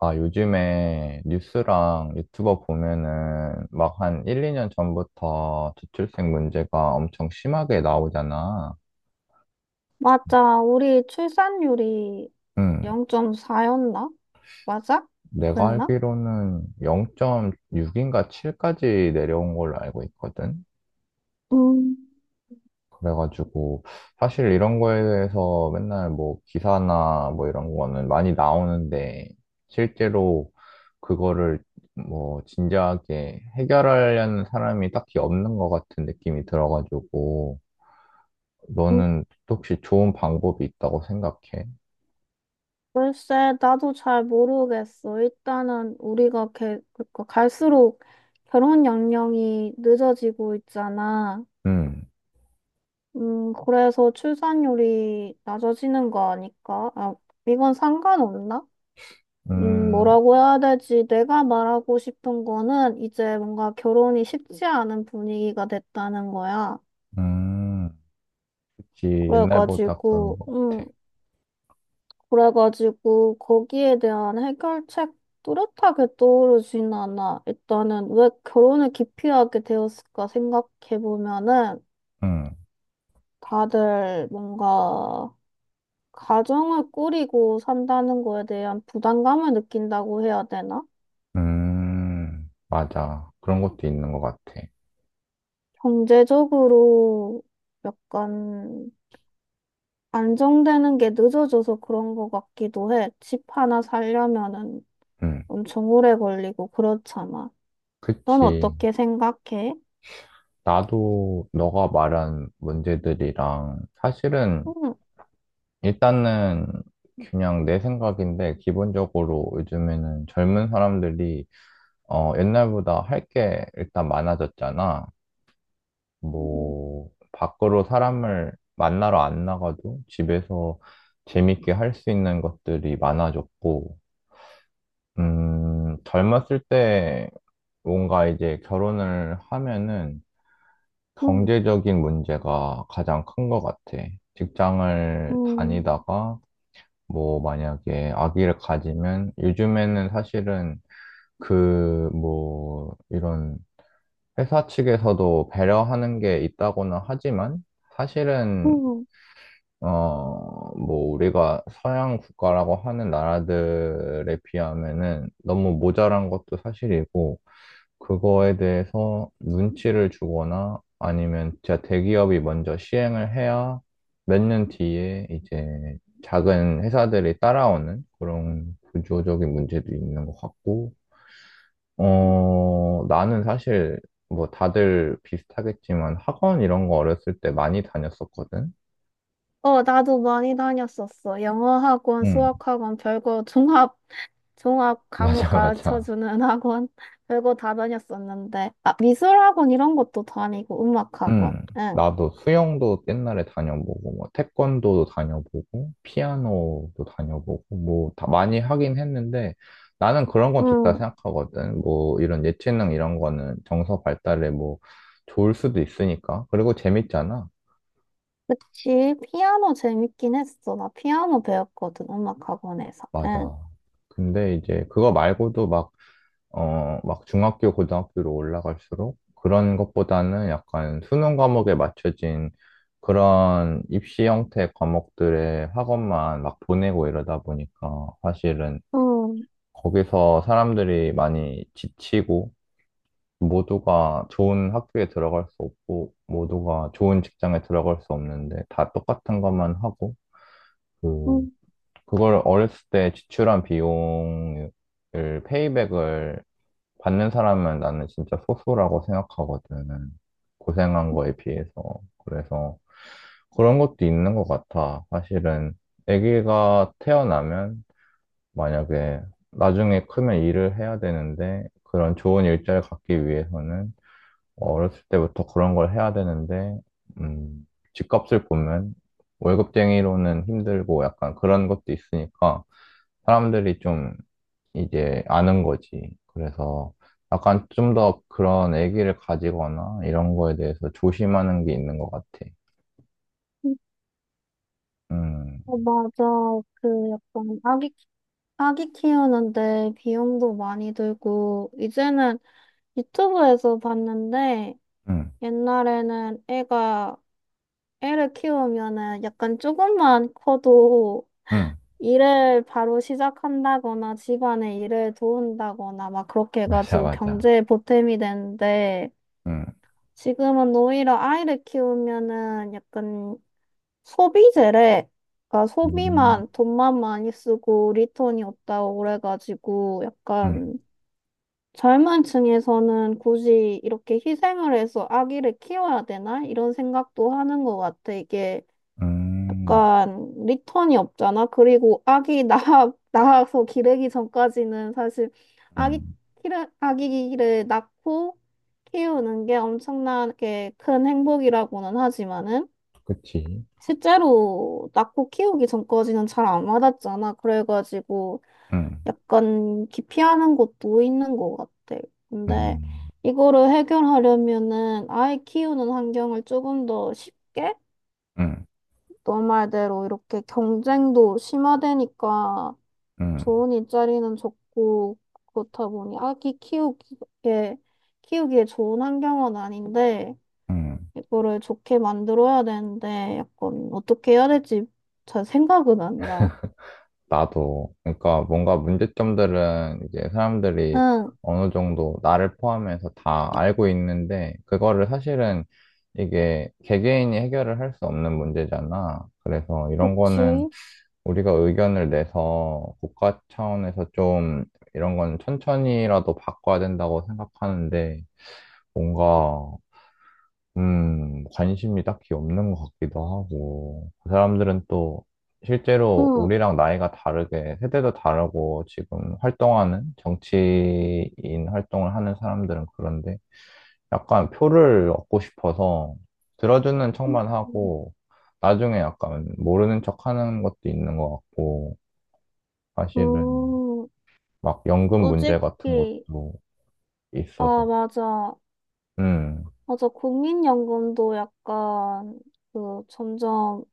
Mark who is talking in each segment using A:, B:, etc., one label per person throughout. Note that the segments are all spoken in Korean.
A: 아, 요즘에 뉴스랑 유튜버 보면은 막 한 1, 2년 전부터 저출생 문제가 엄청 심하게 나오잖아.
B: 맞아. 우리 출산율이
A: 음,
B: 0.4였나? 맞아?
A: 내가
B: 그랬나?
A: 알기로는 0.6인가 7까지 내려온 걸로 알고 있거든.
B: 음,
A: 그래가지고 사실 이런 거에 대해서 맨날 뭐 기사나 뭐 이런 거는 많이 나오는데 실제로 그거를 뭐 진지하게 해결하려는 사람이 딱히 없는 것 같은 느낌이 들어가지고
B: 음,
A: 너는 혹시 좋은 방법이 있다고 생각해?
B: 글쎄, 나도 잘 모르겠어. 일단은 우리가 그러니까 갈수록 결혼 연령이 늦어지고 있잖아.
A: 음,
B: 그래서 출산율이 낮아지는 거 아닐까? 아, 이건 상관없나?
A: 음,
B: 뭐라고 해야 되지? 내가 말하고 싶은 거는 이제 뭔가 결혼이 쉽지 않은 분위기가 됐다는 거야.
A: 음, 그치. 옛날보다 그런
B: 그래가지고,
A: 것
B: 음,
A: 같아.
B: 그래가지고, 거기에 대한 해결책 뚜렷하게 떠오르진 않아. 일단은 왜 결혼을 기피하게 되었을까 생각해보면은,
A: 음,
B: 다들 뭔가, 가정을 꾸리고 산다는 거에 대한 부담감을 느낀다고 해야 되나?
A: 맞아. 그런 것도 있는 것 같아.
B: 경제적으로 약간 안정되는 게 늦어져서 그런 것 같기도 해. 집 하나 살려면은
A: 음,
B: 엄청 오래 걸리고 그렇잖아. 넌
A: 그치.
B: 어떻게 생각해?
A: 나도 너가 말한 문제들이랑 사실은
B: 응.
A: 일단은 그냥 내 생각인데 기본적으로 요즘에는 젊은 사람들이 어 옛날보다 할 게 일단 많아졌잖아.
B: 응.
A: 뭐 밖으로 사람을 만나러 안 나가도 집에서 재밌게 할 수 있는 것들이 많아졌고 젊었을 때 뭔가 이제 결혼을 하면은
B: 응.
A: 경제적인 문제가 가장 큰 것 같아. 직장을
B: 응.
A: 다니다가 뭐 만약에 아기를 가지면 요즘에는 사실은 그 뭐 이런 회사 측에서도 배려하는 게 있다고는 하지만 사실은
B: 응.
A: 어 뭐 우리가 서양 국가라고 하는 나라들에 비하면은 너무 모자란 것도 사실이고 그거에 대해서 눈치를 주거나 아니면 진짜 대기업이 먼저 시행을 해야 몇 년 뒤에 이제 작은 회사들이 따라오는 그런 구조적인 문제도 있는 것 같고, 어, 나는 사실 뭐 다들 비슷하겠지만 학원 이런 거 어렸을 때 많이 다녔었거든?
B: 어, 나도 많이 다녔었어. 영어 학원,
A: 응,
B: 수학 학원, 종합 과목
A: 맞아, 맞아.
B: 가르쳐주는 학원, 별거 다 다녔었는데. 아, 미술 학원 이런 것도 다니고, 음악
A: 음,
B: 학원. 응.
A: 나도 수영도 옛날에 다녀보고, 뭐, 태권도도 다녀보고, 피아노도 다녀보고, 뭐, 다 많이 하긴 했는데, 나는 그런 건 좋다
B: 응.
A: 생각하거든. 뭐, 이런 예체능 이런 거는 정서 발달에 뭐, 좋을 수도 있으니까. 그리고 재밌잖아.
B: 그치. 피아노 재밌긴 했어. 나 피아노 배웠거든, 음악 학원에서. 응.
A: 맞아. 근데 이제 그거 말고도 막 어, 막 중학교, 고등학교로 올라갈수록 그런 것보다는 약간 수능 과목에 맞춰진 그런 입시 형태 과목들의 학원만 막 보내고 이러다 보니까 사실은
B: 응.
A: 거기서 사람들이 많이 지치고 모두가 좋은 학교에 들어갈 수 없고 모두가 좋은 직장에 들어갈 수 없는데 다 똑같은 것만 하고 그
B: 응.
A: 그걸 어렸을 때 지출한 비용을 페이백을 받는 사람은 나는 진짜 소수라고 생각하거든. 고생한 거에 비해서. 그래서 그런 것도 있는 것 같아. 사실은 아기가 태어나면 만약에 나중에 크면 일을 해야 되는데 그런 좋은 일자리를 갖기 위해서는 어렸을 때부터 그런 걸 해야 되는데 음, 집값을 보면 월급쟁이로는 힘들고 약간 그런 것도 있으니까 사람들이 좀 이제 아는 거지. 그래서 약간 좀 더 그런 애기를 가지거나 이런 거에 대해서 조심하는 게 있는 것 같아.
B: 응.
A: 음,
B: 어, 맞아. 그 약간 악기 아기 키우는데 비용도 많이 들고, 이제는 유튜브에서 봤는데,
A: 음,
B: 옛날에는 애가, 애를 키우면은 약간 조금만 커도
A: 음,
B: 일을 바로 시작한다거나 집안의 일을 도운다거나 막 그렇게
A: 맞아,
B: 해가지고
A: 맞아.
B: 경제에 보탬이 되는데,
A: 음,
B: 지금은 오히려 아이를 키우면은 약간 소비재래. 그러니까
A: 음,
B: 소비만 돈만 많이 쓰고 리턴이 없다고 그래가지고
A: 음,
B: 약간 젊은 층에서는 굳이 이렇게 희생을 해서 아기를 키워야 되나? 이런 생각도 하는 것 같아. 이게
A: 음,
B: 약간 리턴이 없잖아. 그리고 아기 낳아서 기르기 전까지는 사실 아기,
A: 음,
B: 아기를 낳고 키우는 게 엄청나게 큰 행복이라고는 하지만은
A: 그치.
B: 실제로 낳고 키우기 전까지는 잘 안 와닿잖아. 그래가지고
A: 음,
B: 약간 기피하는 것도 있는 것 같아. 근데
A: 음,
B: 이거를 해결하려면은 아이 키우는 환경을 조금 더 쉽게,
A: 음,
B: 너 말대로 이렇게 경쟁도 심화되니까
A: 음,
B: 좋은 일자리는 적고 그렇다 보니 아기 키우기에 좋은 환경은 아닌데
A: 음.
B: 이거를 좋게 만들어야 되는데 약간 어떻게 해야 될지 잘 생각은 안 나.
A: 나도. 그러니까 뭔가 문제점들은 이제 사람들이
B: 응,
A: 어느 정도 나를 포함해서 다 알고 있는데, 그거를 사실은 이게 개개인이 해결을 할 수 없는 문제잖아. 그래서 이런 거는
B: 그치.
A: 우리가 의견을 내서 국가 차원에서 좀 이런 건 천천히라도 바꿔야 된다고 생각하는데, 뭔가 관심이 딱히 없는 것 같기도 하고, 그 사람들은 또 실제로
B: 응.
A: 우리랑 나이가 다르게, 세대도 다르고, 지금 활동하는, 정치인 활동을 하는 사람들은 그런데, 약간 표를 얻고 싶어서 들어주는 척만
B: 음.
A: 하고, 나중에 약간 모르는 척 하는 것도 있는 것 같고, 사실은
B: 음,
A: 막 연금 문제 같은 것도
B: 솔직히,
A: 있어서,
B: 아, 맞아.
A: 음,
B: 맞아. 국민연금도 약간, 점점,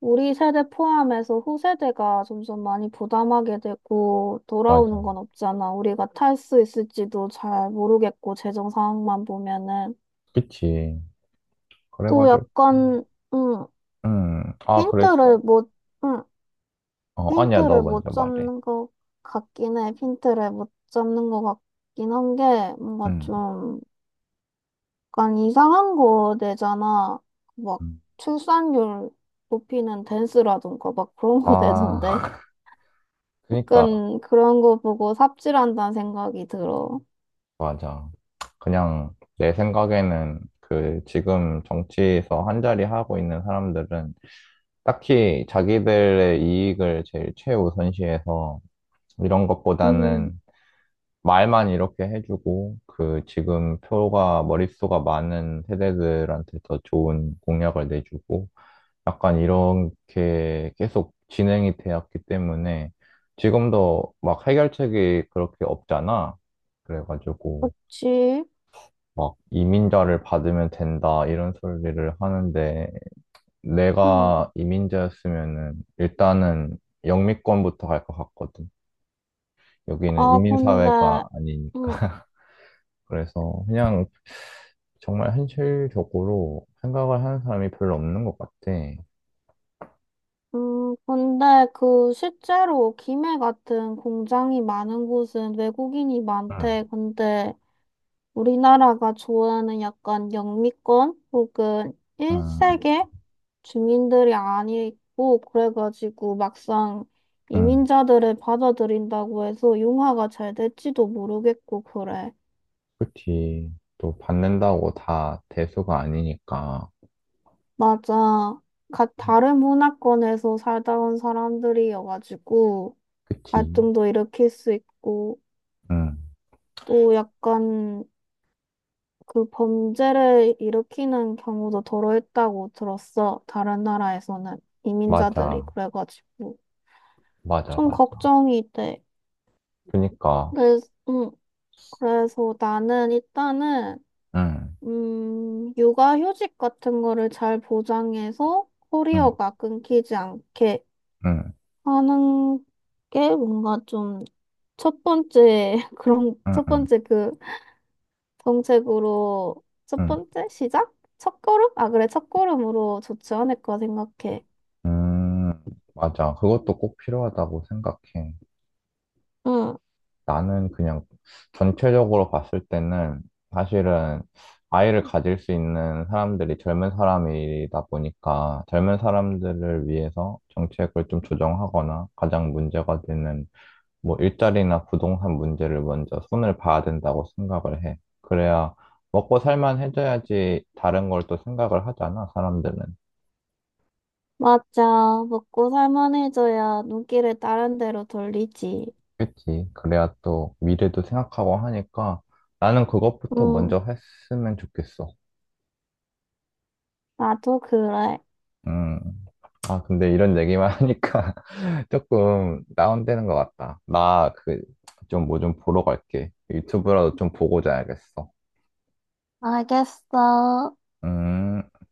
B: 우리 세대 포함해서 후세대가 점점 많이 부담하게 되고,
A: 맞아.
B: 돌아오는 건 없잖아. 우리가 탈 수 있을지도 잘 모르겠고, 재정 상황만 보면은.
A: 그치.
B: 또
A: 그래가지고,
B: 약간, 음
A: 아, 그랬어?
B: 핀트를 못, 응,
A: 어, 아니야, 너
B: 핀트를 못
A: 먼저 말해.
B: 잡는 것 같긴 해. 핀트를 못 잡는 것 같긴 한 게, 뭔가
A: 음.
B: 좀, 약간 이상한 거 내잖아. 막,
A: 음.
B: 출산율 높이는 댄스라던가, 막 그런 거 내던데.
A: 아, 그니까,
B: 약간 그런 거 보고 삽질한다는 생각이 들어.
A: 맞아. 그냥 내 생각에는 그 지금 정치에서 한자리 하고 있는 사람들은 딱히 자기들의 이익을 제일 최우선시해서 이런
B: 음,
A: 것보다는 말만 이렇게 해주고 그 지금 표가 머릿수가 많은 세대들한테 더 좋은 공약을 내주고 약간 이렇게 계속 진행이 되었기 때문에 지금도 막 해결책이 그렇게 없잖아. 그래가지고
B: 그치?
A: 막 이민자를 받으면 된다 이런 소리를 하는데
B: 응.
A: 내가 이민자였으면은 일단은 영미권부터 갈 것 같거든. 여기는
B: 아, 근데,
A: 이민사회가
B: 응.
A: 아니니까. 그래서 그냥 정말 현실적으로 생각을 하는 사람이 별로 없는 것 같아.
B: 근데 그 실제로 김해 같은 공장이 많은 곳은 외국인이
A: 응.
B: 많대. 근데 우리나라가 좋아하는 약간 영미권 혹은 일세
A: 응
B: 계 주민들이 아니고 그래가지고 막상
A: 응.
B: 이민자들을 받아들인다고 해서 융화가 잘 될지도 모르겠고 그래.
A: 그치. 또 받는다고 다 대수가 아니니까.
B: 맞아. 각 다른 문화권에서 살다 온 사람들이어가지고
A: 그치.
B: 갈등도 일으킬 수 있고.
A: 응.
B: 또 약간 그 범죄를 일으키는 경우도 더러 있다고 들었어. 다른 나라에서는 이민자들이
A: 맞아.
B: 그래가지고
A: 맞아,
B: 좀
A: 맞아.
B: 걱정이 돼.
A: 그니까.
B: 그래서, 음, 그래서 나는 일단은
A: 응.
B: 육아휴직 같은 거를 잘 보장해서
A: 응.
B: 커리어가 끊기지 않게
A: 응.
B: 하는 게 뭔가 좀 첫 번째, 그런
A: 응.
B: 첫
A: 응.
B: 번째, 그 정책으로, 첫
A: 응.
B: 번째 시작? 첫걸음? 아, 그래, 첫걸음으로 좋지 않을까 생각해.
A: 음. 맞아. 그것도 꼭 필요하다고 생각해.
B: 응,
A: 나는 그냥 전체적으로 봤을 때는 사실은 아이를 가질 수 있는 사람들이 젊은 사람이다 보니까 젊은 사람들을 위해서 정책을 좀 조정하거나 가장 문제가 되는 뭐 일자리나 부동산 문제를 먼저 손을 봐야 된다고 생각을 해. 그래야 먹고 살만 해줘야지 다른 걸 또 생각을 하잖아, 사람들은.
B: 맞아. 먹고 살만해져야 눈길을 다른 데로 돌리지.
A: 그치. 그래야 또 미래도 생각하고 하니까 나는 그것부터
B: 응,
A: 먼저 했으면 좋겠어.
B: 나도 그래.
A: 음. 아, 근데 이런 얘기만 하니까 조금 다운되는 것 같다. 나 그 좀 뭐 좀 보러 갈게. 유튜브라도 좀 보고 자야겠어.
B: 알겠어.
A: 음.